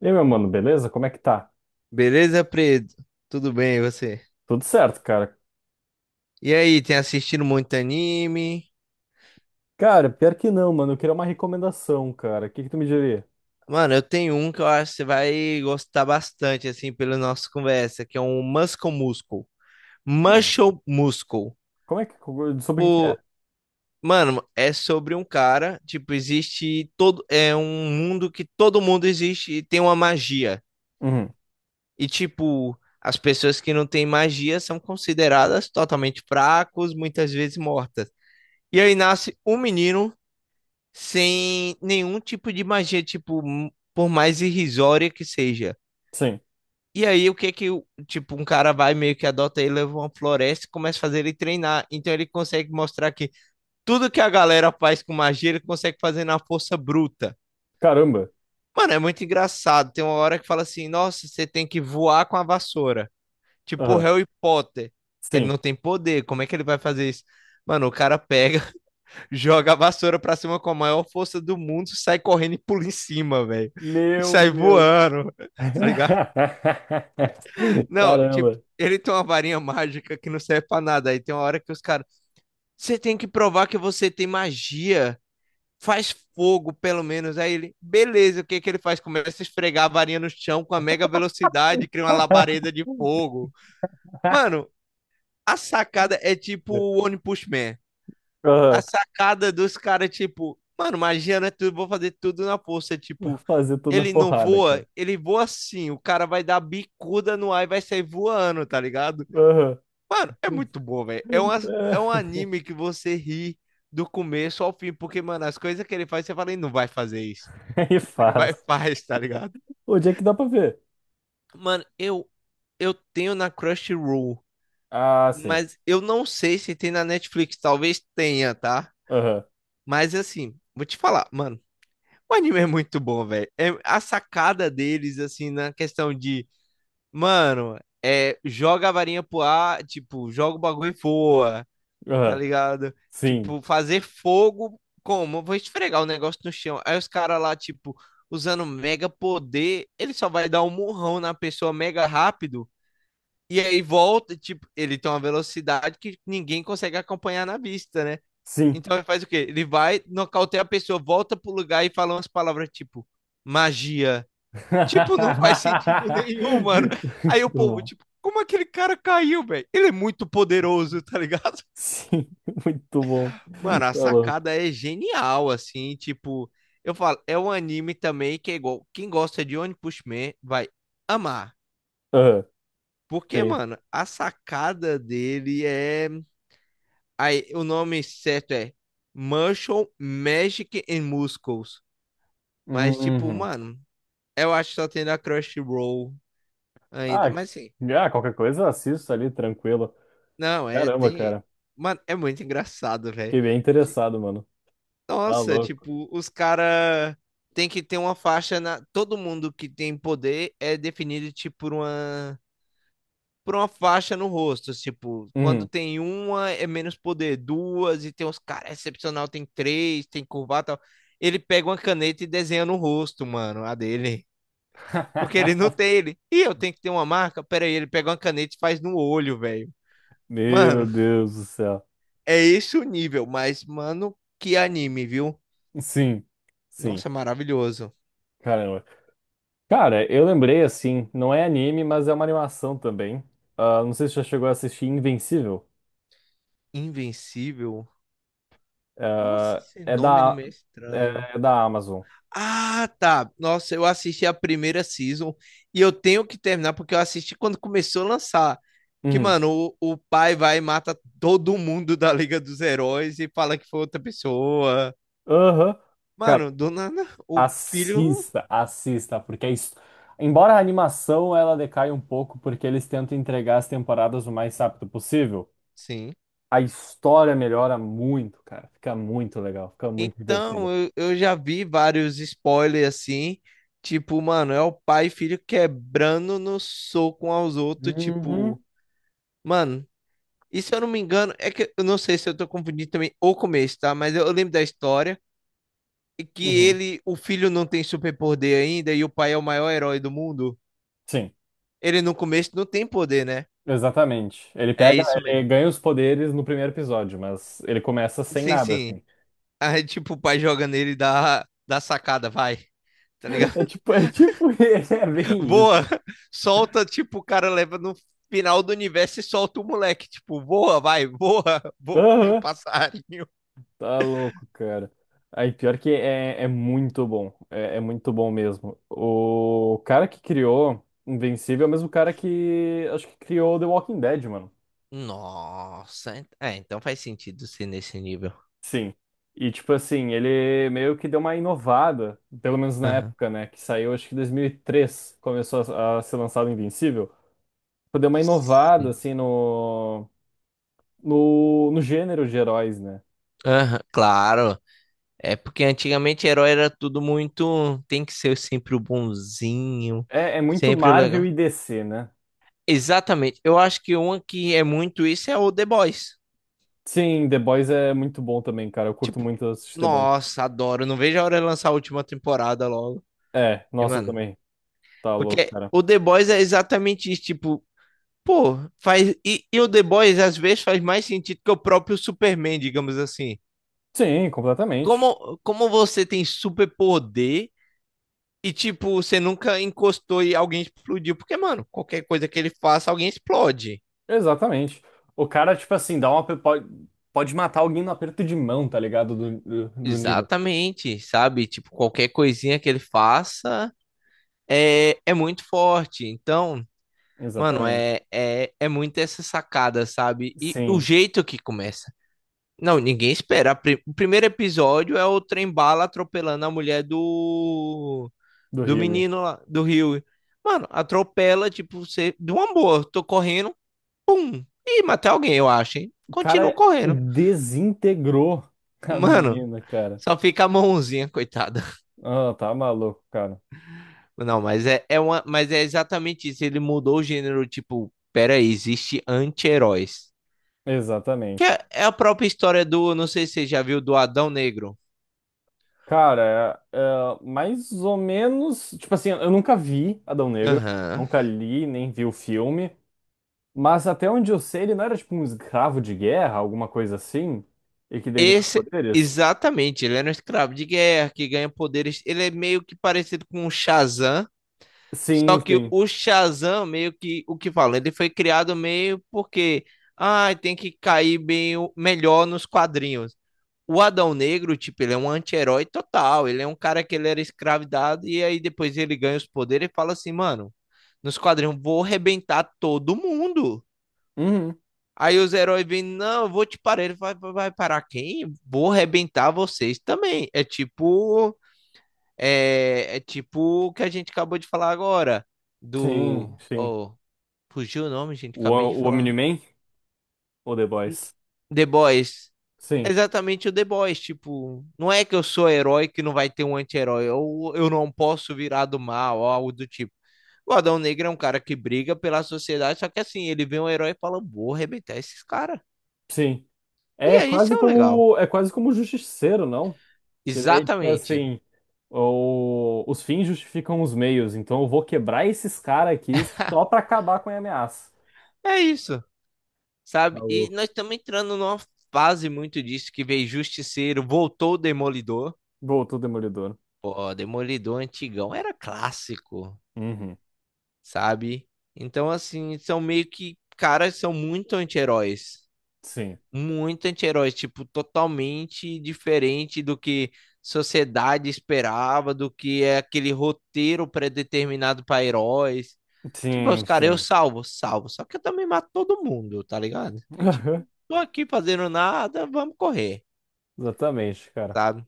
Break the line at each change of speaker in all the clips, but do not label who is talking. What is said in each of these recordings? E aí, meu mano, beleza? Como é que tá?
Beleza, Preto? Tudo bem, e você?
Tudo certo, cara.
E aí, tem assistido muito anime?
Cara, pior que não, mano. Eu queria uma recomendação, cara. O que que tu me diria?
Mano, eu tenho um que eu acho que você vai gostar bastante, assim, pela nossa conversa, que é um Muscle Muscle.
Hum.
Muscle Muscle.
Como é que... Sobre o que que é?
O... Mano, é sobre um cara, tipo, existe todo... É um mundo que todo mundo existe e tem uma magia.
Uhum.
E, tipo, as pessoas que não têm magia são consideradas totalmente fracos, muitas vezes mortas. E aí nasce um menino sem nenhum tipo de magia, tipo, por mais irrisória que seja.
Sim.
E aí, o que que, o- tipo, um cara vai meio que adota ele, leva uma floresta e começa a fazer ele treinar. Então, ele consegue mostrar que tudo que a galera faz com magia, ele consegue fazer na força bruta.
Caramba.
Mano, é muito engraçado. Tem uma hora que fala assim: nossa, você tem que voar com a vassoura. Tipo, o
Aham.
Harry Potter. Ele
Sim.
não tem poder, como é que ele vai fazer isso? Mano, o cara pega, joga a vassoura pra cima com a maior força do mundo, sai correndo e pula em cima, velho. E
Meu
sai
Deus.
voando, tá ligado? Não, tipo,
Caramba.
ele tem uma varinha mágica que não serve pra nada. Aí tem uma hora que os caras, você tem que provar que você tem magia. Faz fogo, pelo menos. Aí ele, beleza, o que que ele faz? Começa a esfregar a varinha no chão com a mega velocidade, cria uma labareda de fogo. Mano, a sacada é tipo o One Punch Man. A
Aham.
sacada dos caras, tipo, mano, magia não é tudo, vou fazer tudo na força. Tipo,
Fazer tudo na
ele não
porrada,
voa,
cara.
ele voa assim, o cara vai dar bicuda no ar e vai sair voando, tá ligado?
Aham.
Mano, é muito bom, velho. É, uma, é um anime que você ri do começo ao fim, porque, mano, as coisas que ele faz, você fala, ele não vai fazer isso.
Aí
Tipo, ele vai e
faz.
faz, tá ligado?
Onde é que dá pra ver?
Mano, eu tenho na Crunchyroll,
Ah, sim.
mas eu não sei se tem na Netflix, talvez tenha, tá?
Aham.
Mas assim, vou te falar, mano. O anime é muito bom, velho. É a sacada deles, assim, na questão de, mano, é, joga a varinha pro ar, tipo, joga o bagulho e voa, tá
Aham.
ligado?
Sim.
Tipo, fazer fogo como? Eu vou esfregar o negócio no chão. Aí os caras lá, tipo, usando mega poder, ele só vai dar um murrão na pessoa mega rápido. E aí volta, tipo, ele tem uma velocidade que ninguém consegue acompanhar na vista, né?
Sim.
Então ele faz o quê? Ele vai, nocauteia a pessoa, volta pro lugar e fala umas palavras tipo magia. Tipo, não faz sentido nenhum, mano. Aí o
Muito
povo,
bom.
tipo, como aquele cara caiu, velho? Ele é muito poderoso, tá ligado?
Sim, muito bom.
Mano, a
Tá louco.
sacada é genial, assim, tipo, eu falo, é um anime também que é igual, quem gosta de One Punch Man vai amar.
Ah,
Porque,
sim.
mano, a sacada dele é, aí o nome certo é Martial Magic and Muscles. Mas, tipo,
Uhum.
mano, eu acho que só tem da Crunchyroll ainda.
Ah,
Mas, assim,
ah, qualquer coisa eu assisto ali, tranquilo.
não, é,
Caramba,
tem...
cara.
Mano, é muito engraçado, velho.
Fiquei bem
Ti-
interessado, mano. Tá
Nossa,
louco.
tipo, os cara tem que ter uma faixa na... Todo mundo que tem poder é definido, tipo, por uma... Por uma faixa no rosto, tipo, quando
Uhum.
tem uma é menos poder, duas, e tem uns caras excepcional, tem três, tem curvado e tal. Ele pega uma caneta e desenha no rosto, mano, a dele. Porque ele não tem ele. E eu tenho que ter uma marca? Pera aí, ele pega uma caneta e faz no olho, velho.
Meu
Mano,
Deus do céu.
é esse o nível, mas, mano, que anime, viu?
Sim, sim.
Nossa, maravilhoso.
Caramba. Cara, eu lembrei assim, não é anime, mas é uma animação também. Ah, não sei se já chegou a assistir Invencível.
Invencível? Nossa,
É,
esse
é
nome não
da,
me é estranho.
é da Amazon.
Ah, tá. Nossa, eu assisti a primeira season e eu tenho que terminar porque eu assisti quando começou a lançar. Que,
Uhum.
mano, o pai vai e mata todo mundo da Liga dos Heróis e fala que foi outra pessoa.
Aham. Cara,
Mano, do nada, o filho.
assista, assista, porque é isso. Embora a animação ela decaia um pouco, porque eles tentam entregar as temporadas o mais rápido possível,
Sim.
a história melhora muito, cara. Fica muito legal, fica muito
Então,
divertida.
eu já vi vários spoilers assim, tipo, mano, é o pai e filho quebrando no soco um aos outros,
Uhum,
tipo, mano, e se eu não me engano, é que eu não sei se eu tô confundindo também o começo, tá? Mas eu lembro da história e que
uhum.
ele, o filho não tem superpoder ainda e o pai é o maior herói do mundo.
Sim,
Ele no começo não tem poder, né?
exatamente.
É isso
Ele
mesmo.
ganha os poderes no primeiro episódio, mas ele começa sem
Sim,
nada,
sim.
assim.
Aí, tipo, o pai joga nele e dá sacada, vai, tá
É
ligado?
tipo, é tipo, é bem isso.
Voa, solta, tipo, o cara leva no final do universo e solta o moleque, tipo, voa, vai, voa, voa, é o
Aham.
passarinho.
Tá louco, cara. Aí, pior que é muito bom. É muito bom mesmo. O cara que criou Invencível é o mesmo cara que acho que criou The Walking Dead, mano.
Nossa, é, então faz sentido ser nesse nível.
Sim. E, tipo assim, ele meio que deu uma inovada, pelo menos na
Aham.
época, né? Que saiu, acho que em 2003, começou a ser lançado Invencível. Tipo, deu uma inovada,
Sim.
assim, no, no gênero de heróis, né?
Aham, claro. É porque antigamente herói era tudo muito. Tem que ser sempre o bonzinho,
É muito
sempre o
Marvel
legal.
e DC, né?
Exatamente. Eu acho que uma que é muito isso é o The Boys.
Sim, The Boys é muito bom também, cara. Eu curto
Tipo,
muito assistir The Boys.
nossa, adoro. Não vejo a hora de lançar a última temporada logo.
É,
E,
nossa,
mano,
também. Tá louco,
porque
cara.
o The Boys é exatamente isso, tipo, pô, faz. E o The Boys às vezes faz mais sentido que o próprio Superman, digamos assim.
Sim, completamente.
Como você tem superpoder e, tipo, você nunca encostou e alguém explodiu? Porque, mano, qualquer coisa que ele faça, alguém explode.
Exatamente. O cara, tipo assim, dá uma. Pode matar alguém no aperto de mão, tá ligado? Do nível.
Exatamente, sabe? Tipo, qualquer coisinha que ele faça é muito forte. Então, mano,
Exatamente.
é muito essa sacada, sabe? E o
Sim,
jeito que começa. Não, ninguém espera. O primeiro episódio é o trem-bala atropelando a mulher do
do
do
Huey.
menino lá, do Rio. Mano, atropela, tipo, você, de uma boa, tô correndo, pum, e matei alguém, eu acho, hein?
O
Continuo
cara
correndo.
desintegrou a
Mano,
menina, cara.
só fica a mãozinha, coitada.
Ah, tá maluco, cara.
Não, mas é uma, mas é exatamente isso. Ele mudou o gênero, tipo, peraí, existe anti-heróis. Que
Exatamente.
é a própria história do, não sei se você já viu, do Adão Negro.
Cara, é mais ou menos. Tipo assim, eu nunca vi Adão Negro.
Aham.
Nunca li, nem vi o filme. Mas até onde eu sei, ele não era tipo um escravo de guerra, alguma coisa assim? E que daí ganhou os
Esse,
poderes?
exatamente, ele era um escravo de guerra que ganha poderes. Ele é meio que parecido com o Shazam, só
Sim,
que
sim.
o Shazam, meio que o que fala, ele foi criado meio porque ah, tem que cair bem melhor nos quadrinhos. O Adão Negro, tipo, ele é um anti-herói total. Ele é um cara que ele era escravidado e aí depois ele ganha os poderes e fala assim, mano, nos quadrinhos vou arrebentar todo mundo.
Uhum.
Aí os heróis vêm, não, eu vou te parar. Ele vai parar quem? Vou arrebentar vocês também. É tipo. É, é tipo o que a gente acabou de falar agora.
Sim,
Do.
sim.
Oh, fugiu o nome, gente.
O,
Acabei de
o
falar.
Omni-Man ou The Boys?
The Boys. É
Sim,
exatamente o The Boys. Tipo, não é que eu sou herói que não vai ter um anti-herói. Ou eu não posso virar do mal, ou algo do tipo. O Adão Negro é um cara que briga pela sociedade, só que assim, ele vê um herói e fala: vou arrebentar esses caras.
sim.
E aí, isso é o legal.
É quase como o Justiceiro, não? Que daí, tipo
Exatamente.
assim, os fins justificam os meios, então eu vou quebrar esses caras aqui só pra acabar com a ameaça.
É isso, sabe? E
Maluco.
nós estamos entrando numa fase muito disso que veio Justiceiro, voltou o Demolidor.
Voltou o Demolidor.
Pô, Demolidor antigão era clássico,
Uhum.
sabe? Então, assim, são meio que, caras são muito anti-heróis,
Sim.
muito anti-herói, tipo, totalmente diferente do que sociedade esperava, do que é aquele roteiro predeterminado para heróis. Tipo, os
Sim,
caras, eu
sim.
salvo, salvo. Só que eu também mato todo mundo, tá ligado? Que tipo, tô aqui fazendo nada, vamos correr,
Exatamente, cara.
sabe?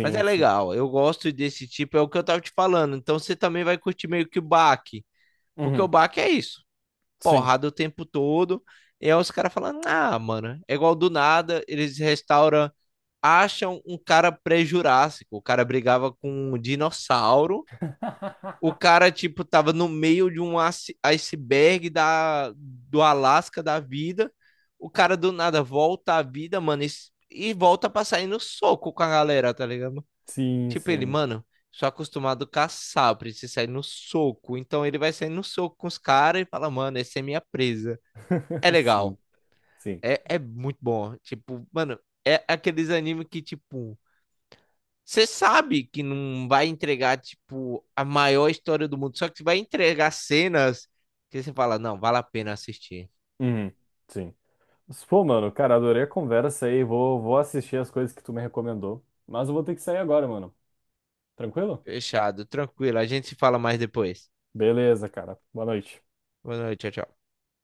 Mas é
sim.
legal, eu gosto desse tipo, é o que eu tava te falando. Então você também vai curtir meio que o baque, porque o
Uhum.
baque é isso,
Sim.
porrada o tempo todo. E aí os caras falando, ah, mano, é igual do nada, eles restauram, acham um cara pré-jurássico. O cara brigava com um dinossauro. O cara, tipo, tava no meio de um iceberg do Alasca da vida. O cara do nada volta à vida, mano, e volta pra sair no soco com a galera, tá ligado?
Sim,
Tipo, ele,
sim.
mano, sou acostumado a caçar, eu preciso sair no soco. Então ele vai sair no soco com os caras e fala, mano, essa é minha presa. É
Sim,
legal.
sim.
É, é muito bom. Tipo, mano, é aqueles animes que, tipo, você sabe que não vai entregar, tipo, a maior história do mundo, só que vai entregar cenas que você fala, não, vale a pena assistir.
Uhum. Sim. Mas, pô, mano, cara, adorei a conversa aí. Vou assistir as coisas que tu me recomendou. Mas eu vou ter que sair agora, mano. Tranquilo?
Fechado, tranquilo. A gente se fala mais depois.
Beleza, cara. Boa noite.
Boa noite, tchau, tchau.